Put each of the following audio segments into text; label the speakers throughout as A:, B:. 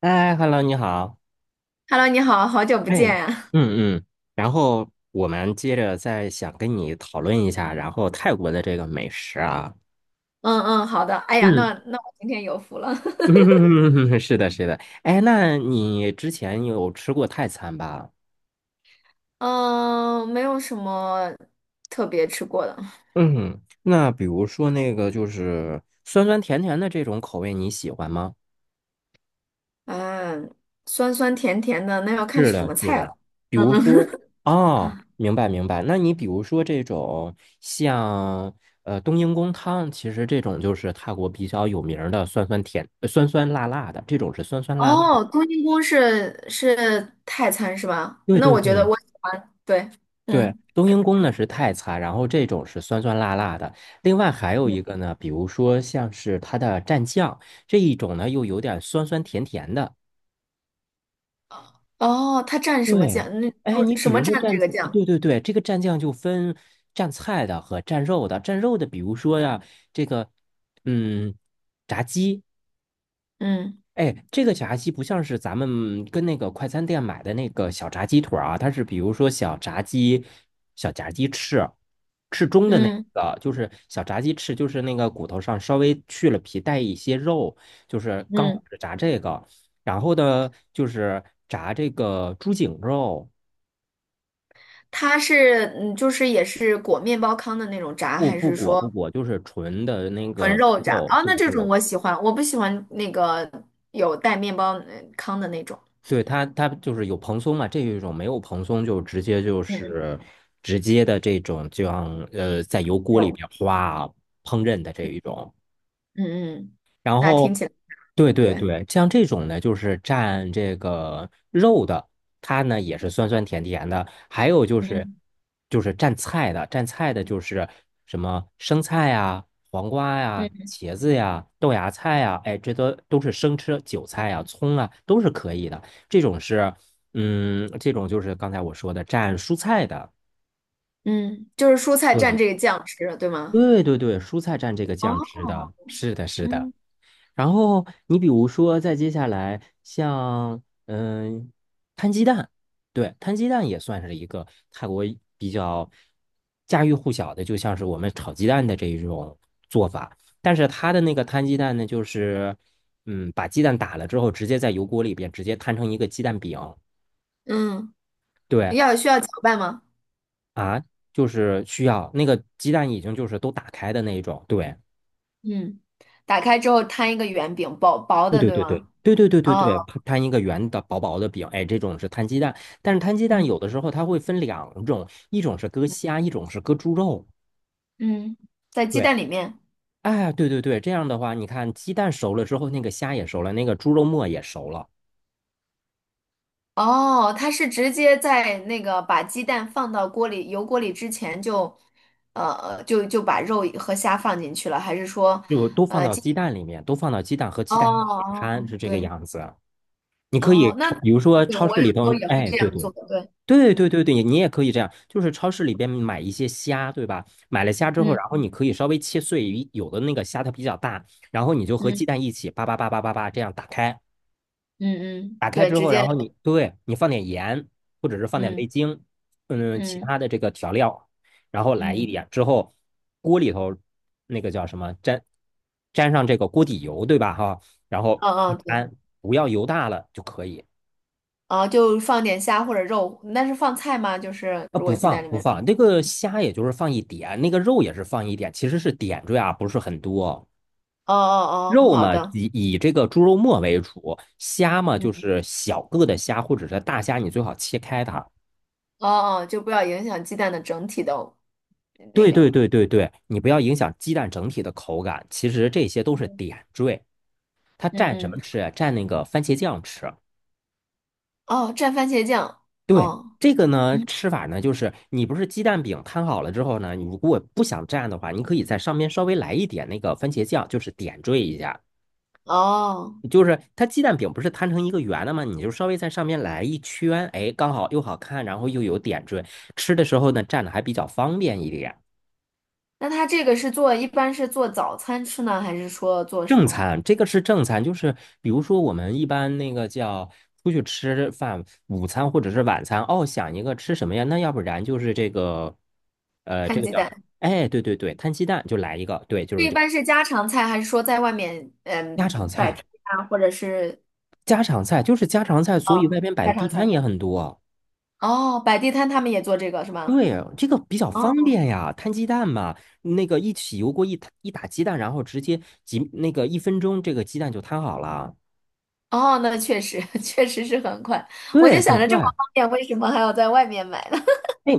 A: 哎，Hello，你好。
B: Hello，你好，好久不
A: 哎，
B: 见。呀。
A: 嗯嗯，然后我们接着再想跟你讨论一下，然后泰国的这个美食啊。
B: 嗯嗯，好的。哎呀，
A: 嗯，
B: 那我今天有福了。
A: 是的，是的。哎，那你之前有吃过泰餐吧？
B: 嗯，没有什么特别吃过的。
A: 嗯，那比如说那个就是酸酸甜甜的这种口味，你喜欢吗？
B: 嗯，酸酸甜甜的，那要看
A: 是
B: 什
A: 的，
B: 么
A: 是
B: 菜
A: 的，
B: 了。
A: 比
B: 嗯
A: 如说，
B: 嗯。
A: 哦，明白明白。那你比如说这种像冬阴功汤，其实这种就是泰国比较有名儿的酸酸辣辣的，这种是酸 酸辣辣的。
B: 哦，冬阴功是泰餐是吧？
A: 对
B: 那
A: 对
B: 我觉得
A: 对
B: 我喜欢。对，
A: 对。
B: 嗯
A: 冬阴功呢是泰餐，然后这种是酸酸辣辣的。另外还有
B: 嗯。
A: 一个呢，比如说像是它的蘸酱这一种呢，又有点酸酸甜甜的。
B: 哦，它蘸什么
A: 对，
B: 酱？那
A: 哎，你比
B: 什么
A: 如说
B: 蘸这
A: 蘸，
B: 个酱？
A: 对对对，这个蘸酱就分蘸菜的和蘸肉的。蘸肉的，比如说呀，这个嗯，炸鸡，
B: 嗯
A: 哎，这个炸鸡不像是咱们跟那个快餐店买的那个小炸鸡腿儿啊，它是比如说小炸鸡、小炸鸡翅，翅中的那
B: 嗯
A: 个就是小炸鸡翅，就是那个骨头上稍微去了皮，带一些肉，就是刚
B: 嗯，
A: 好
B: 嗯
A: 是炸这个。然后呢，就是炸这个猪颈肉。
B: 它是嗯，就是也是裹面包糠的那种炸，
A: 不
B: 还
A: 不
B: 是
A: 裹
B: 说？
A: 不裹，就是纯的那
B: 纯
A: 个
B: 肉炸
A: 肉，
B: 啊，
A: 对
B: 那这
A: 对
B: 种我喜欢，我不喜欢那个有带面包糠的那种。
A: 对，它就是有蓬松嘛，这一种没有蓬松就直接就
B: 嗯嗯，
A: 是直接的这种，就像在油锅里
B: 肉，
A: 边哗烹饪的这
B: 嗯
A: 一种。
B: 嗯嗯，
A: 然
B: 那听
A: 后，
B: 起来不
A: 对
B: 错
A: 对
B: 对，
A: 对，像这种呢，就是蘸这个肉的，它呢也是酸酸甜甜的。还有就是，
B: 嗯
A: 就是蘸菜的，蘸菜的就是什么生菜呀、黄瓜呀、
B: 嗯
A: 茄子呀、豆芽菜呀，哎，这都是生吃，韭菜呀、葱啊都是可以的。这种是，这种就是刚才我说的蘸蔬菜的。
B: 嗯，就是蔬菜蘸
A: 对
B: 这个酱吃，对吗？
A: 对对对，蔬菜蘸这个酱
B: 哦，
A: 汁的，是的，是的。
B: 嗯
A: 然后你比如说，再接下来像摊鸡蛋，对，摊鸡蛋也算是一个泰国比较家喻户晓的，就像是我们炒鸡蛋的这一种做法。但是它的那个摊鸡蛋呢，就是把鸡蛋打了之后，直接在油锅里边直接摊成一个鸡蛋饼。
B: 嗯，
A: 对
B: 要需要搅拌吗？
A: 啊，就是需要那个鸡蛋已经就是都打开的那一种，对。
B: 嗯，打开之后摊一个圆饼，薄薄
A: 对
B: 的，
A: 对
B: 对
A: 对对
B: 吗？
A: 对对对对
B: 哦，
A: 对啊，摊一个圆的薄薄的饼，哎，这种是摊鸡蛋，但是摊鸡蛋
B: 嗯
A: 有的时候它会分两种，一种是搁虾，一种是搁猪肉。
B: 嗯，在鸡
A: 对，
B: 蛋里面。
A: 哎，对对对，这样的话，你看鸡蛋熟了之后，那个虾也熟了，那个猪肉末也熟了，
B: 哦，它是直接在那个把鸡蛋放到锅里油锅里之前就，就把肉和虾放进去了，还是说，
A: 就都放
B: 呃，
A: 到
B: 鸡？
A: 鸡蛋里面，都放到鸡蛋和
B: 哦
A: 鸡蛋一起
B: 哦，
A: 摊，
B: 哦
A: 是这个
B: 对，
A: 样子啊。你可
B: 哦，
A: 以
B: 那
A: 超，比如说
B: 对
A: 超
B: 我
A: 市
B: 有
A: 里
B: 时候
A: 头，
B: 也会
A: 哎，
B: 这
A: 对
B: 样
A: 对
B: 做，对，
A: 对对
B: 嗯
A: 对对，你也可以这样，就是超市里边买一些虾，对吧？买了虾之后，然后
B: 嗯
A: 你可以稍微切碎，有的那个虾它比较大，然后你就和
B: 嗯
A: 鸡蛋一起叭叭叭叭叭叭这样打开，
B: 嗯嗯，
A: 打开
B: 对，
A: 之
B: 直
A: 后，然
B: 接，
A: 后你放点盐，或者是放点
B: 嗯
A: 味精，其
B: 嗯
A: 他的这个调料，然后来一
B: 嗯
A: 点之后，锅里头那个叫什么沾上这个锅底油，对吧？哈，然后一
B: 嗯嗯，对，
A: 摊，不要油大了就可以。
B: 哦，就放点虾或者肉，那是放菜吗？就是
A: 啊，
B: 如
A: 不
B: 果鸡
A: 放
B: 蛋里
A: 不
B: 面，
A: 放，那个虾也就是放一点，那个肉也是放一点，其实是点缀啊，不是很多。
B: 哦哦哦，
A: 肉
B: 好
A: 嘛，
B: 的，
A: 以这个猪肉末为主，虾嘛就
B: 嗯，
A: 是小个的虾或者是大虾，你最好切开它。
B: 哦哦，就不要影响鸡蛋的整体的那
A: 对对
B: 个。
A: 对对对，你不要影响鸡蛋整体的口感。其实这些都是点缀，它
B: 嗯
A: 蘸什么
B: 嗯
A: 吃啊？蘸那个番茄酱吃。
B: 哦，蘸番茄酱。
A: 对，
B: 哦
A: 这个呢，
B: 嗯，
A: 吃法呢，就是你不是鸡蛋饼摊好了之后呢，你如果不想蘸的话，你可以在上面稍微来一点那个番茄酱，就是点缀一下。
B: 哦，
A: 就是它鸡蛋饼不是摊成一个圆的吗？你就稍微在上面来一圈，哎，刚好又好看，然后又有点缀，吃的时候呢蘸着还比较方便一点。
B: 那它这个是做，一般是做早餐吃呢，还是说做什
A: 正
B: 么？
A: 餐，这个是正餐，就是比如说我们一般那个叫出去吃饭，午餐或者是晚餐，哦，想一个吃什么呀？那要不然就是这个，这
B: 摊
A: 个
B: 鸡
A: 叫什么？
B: 蛋，
A: 哎，对对对，摊鸡蛋就来一个，对，就
B: 这
A: 是
B: 一
A: 这个
B: 般是家常菜，还是说在外面嗯
A: 家常
B: 摆
A: 菜，
B: 摊啊，或者是
A: 家常菜就是家常菜，所以外
B: 嗯
A: 边摆
B: 家
A: 地
B: 常
A: 摊
B: 菜？
A: 也很多。
B: 哦，摆地摊他们也做这个是吗？
A: 对，这个比较方
B: 哦
A: 便呀，摊鸡蛋嘛，那个一起油锅一摊一打鸡蛋，然后直接那个一分钟，这个鸡蛋就摊好了。
B: 哦，那确实 确实是很快。我
A: 对，
B: 就
A: 很
B: 想着这么
A: 快。
B: 方便，为什么还要在外面买呢？
A: 哎，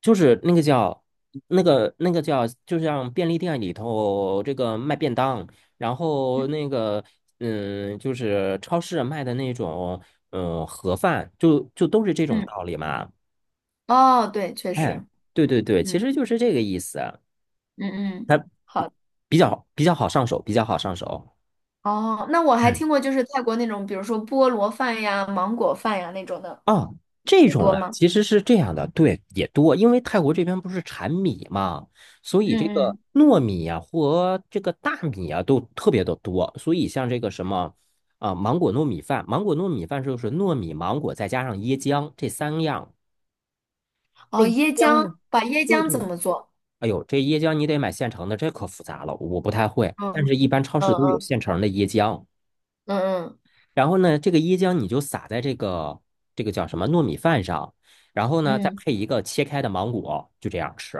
A: 就是那个叫那个叫，就像便利店里头这个卖便当，然 后
B: 嗯
A: 那个就是超市卖的那种盒饭，就都是这种
B: 嗯
A: 道理嘛。
B: 哦，对，确
A: 哎，
B: 实，
A: 对对对，其
B: 嗯
A: 实就是这个意思，
B: 嗯嗯，
A: 它
B: 好。
A: 比较好上手，比较好上手。
B: 哦，那我还
A: 嗯。
B: 听过，就是泰国那种，比如说菠萝饭呀、芒果饭呀那种的，
A: 啊，这
B: 也
A: 种
B: 多
A: 啊，
B: 吗？
A: 其实是这样的，对，也多，因为泰国这边不是产米嘛，所以这
B: 嗯
A: 个
B: 嗯。
A: 糯米啊和这个大米啊都特别的多，所以像这个什么啊、芒果糯米饭，芒果糯米饭就是糯米、芒果再加上椰浆这三样，那
B: 哦，
A: 椰
B: 椰
A: 浆呢？
B: 浆，把椰
A: 对
B: 浆怎
A: 对。
B: 么做？
A: 哎呦，这椰浆你得买现成的，这可复杂了，我不太会，但
B: 嗯
A: 是一般超市都有
B: 嗯
A: 现成的椰浆。
B: 嗯嗯
A: 然后呢，这个椰浆你就撒在这个叫什么糯米饭上，然后呢，再
B: 嗯
A: 配一个切开的芒果，就这样吃。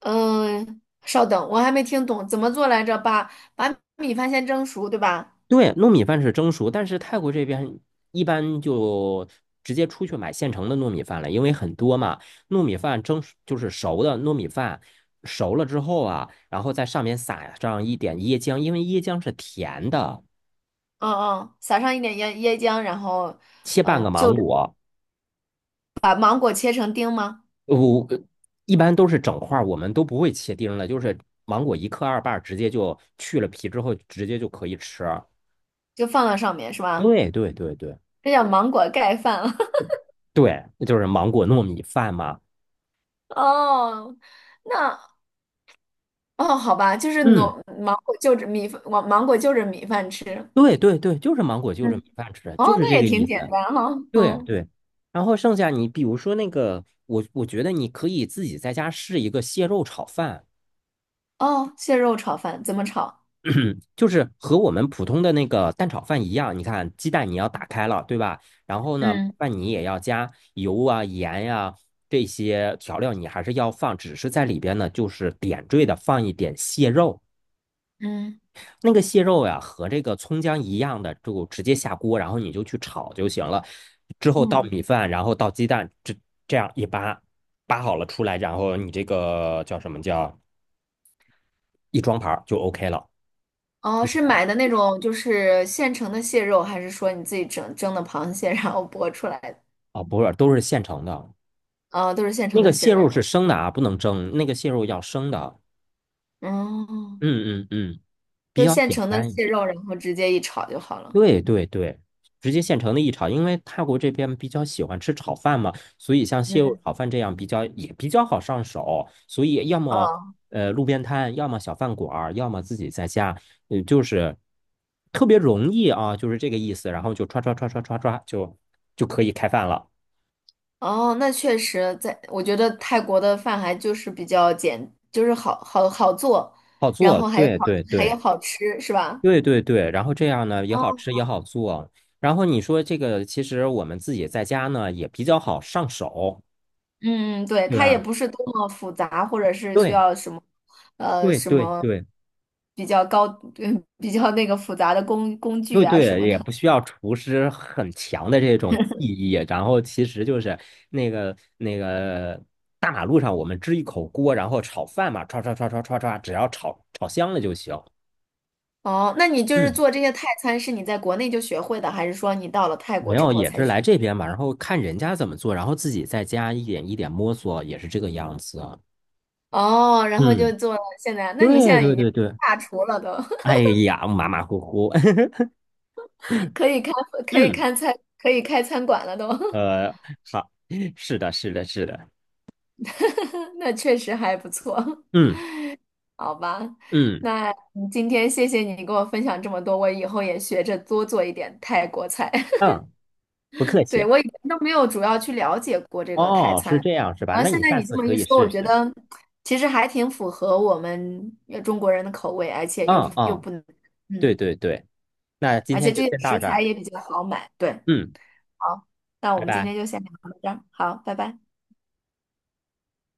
B: 嗯，稍等，我还没听懂怎么做来着。把把米饭先蒸熟，对吧？
A: 对，糯米饭是蒸熟，但是泰国这边一般就直接出去买现成的糯米饭了，因为很多嘛，糯米饭蒸熟就是熟的糯米饭，熟了之后啊，然后在上面撒上一点椰浆，因为椰浆是甜的，
B: 嗯嗯，撒上一点椰椰浆，然后，
A: 切半
B: 呃，
A: 个
B: 就
A: 芒
B: 着
A: 果，
B: 把芒果切成丁吗？
A: 我一般都是整块儿，我们都不会切丁的，就是芒果一克二瓣儿，直接就去了皮之后，直接就可以吃啊。
B: 就放到上面是吧？
A: 对对对对
B: 这叫芒果盖饭。
A: 对，就是芒果糯米饭嘛。
B: 哦，那哦，好吧，就是
A: 嗯，
B: 农芒果就着米饭，芒果就着米饭吃。
A: 对对对，就是芒果就着米
B: 嗯
A: 饭吃，
B: 哦，
A: 就是
B: 那
A: 这
B: 也
A: 个意
B: 挺
A: 思。
B: 简单哈、
A: 对
B: 嗯，
A: 对，然后剩下你比如说那个，我觉得你可以自己在家试一个蟹肉炒饭。
B: 哦，蟹肉炒饭怎么炒？
A: 嗯，就是和我们普通的那个蛋炒饭一样，你看鸡蛋你要打开了，对吧？然后呢，
B: 嗯
A: 饭你也要加油啊、盐呀、这些调料，你还是要放，只是在里边呢，就是点缀的放一点蟹肉。
B: 嗯，
A: 那个蟹肉呀、和这个葱姜一样的，就直接下锅，然后你就去炒就行了。之后倒
B: 嗯，
A: 米饭，然后倒鸡蛋，这样一扒扒好了出来，然后你这个叫什么叫一装盘儿就 OK 了。
B: 哦，是买的那种就是现成的蟹肉，还是说你自己整蒸的螃蟹然后剥出来的？
A: 啊、不是，都是现成的。
B: 哦，都是现成
A: 那
B: 的
A: 个
B: 蟹
A: 蟹肉
B: 肉。
A: 是生的啊，不能蒸，那个蟹肉要生的。
B: 哦，
A: 嗯嗯嗯，比
B: 就
A: 较
B: 现
A: 简
B: 成的
A: 单。
B: 蟹肉，然后直接一炒就好了。
A: 对对对，直接现成的一炒，因为泰国这边比较喜欢吃炒饭嘛，所以像蟹肉
B: 嗯，
A: 炒饭这样比较也比较好上手，所以要么
B: 哦。
A: 路边摊，要么小饭馆儿，要么自己在家，嗯、就是特别容易啊，就是这个意思，然后就刷刷刷刷刷刷就可以开饭了，
B: 哦，那确实在，我觉得泰国的饭还就是比较简，就是好好好做，
A: 好
B: 然
A: 做。
B: 后还有
A: 对
B: 好
A: 对
B: 还
A: 对，
B: 有好吃，是吧？
A: 对对对，然后这样呢也好吃也好做，然后你说这个其实我们自己在家呢也比较好上手，
B: 嗯，嗯对，
A: 对
B: 它也
A: 吧？
B: 不是多么复杂，或者是需
A: 对
B: 要什么，呃，
A: 对对对
B: 比较高，嗯，比较那个复杂的工具
A: 对
B: 啊什
A: 对，
B: 么的。
A: 也不需要厨师很强的这种技艺，然后其实就是那个大马路上我们支一口锅，然后炒饭嘛，唰唰唰唰唰唰，只要炒炒香了就行。
B: 哦，那你就是
A: 嗯，
B: 做这些泰餐，是你在国内就学会的，还是说你到了泰
A: 没
B: 国之
A: 有，
B: 后
A: 也
B: 才
A: 是
B: 学？
A: 来这边嘛，然后看人家怎么做，然后自己在家一点一点摸索，也是这个样子啊。
B: 哦，然后就
A: 嗯。
B: 做了现在，那你现
A: 对
B: 在已
A: 对
B: 经
A: 对对，
B: 大厨了都。
A: 哎呀，马马虎虎，
B: 可以开 可以
A: 嗯，
B: 开餐可以开餐馆了都，
A: 呃，好，是的，是的，是的，
B: 那确实还不错，
A: 嗯
B: 好吧？
A: 嗯
B: 那嗯今天谢谢你给我分享这么多，我以后也学着多做一点泰国菜。
A: 嗯，不客
B: 对，
A: 气。
B: 我以前都没有主要去了解过这个泰
A: 哦，
B: 餐，
A: 是这样是吧？
B: 然后
A: 那
B: 现
A: 你
B: 在
A: 下
B: 你这
A: 次
B: 么
A: 可
B: 一
A: 以
B: 说，
A: 试
B: 我觉
A: 试。
B: 得其实还挺符合我们中国人的口味，而且又
A: 嗯
B: 又
A: 嗯，
B: 不能，
A: 对
B: 嗯，
A: 对对，那
B: 对
A: 今
B: 而
A: 天
B: 且
A: 就
B: 这些
A: 先到
B: 食
A: 这
B: 材
A: 儿，
B: 也比较好买。对，
A: 嗯，
B: 好，那我
A: 拜
B: 们今
A: 拜。
B: 天就先聊到这儿，好，拜拜。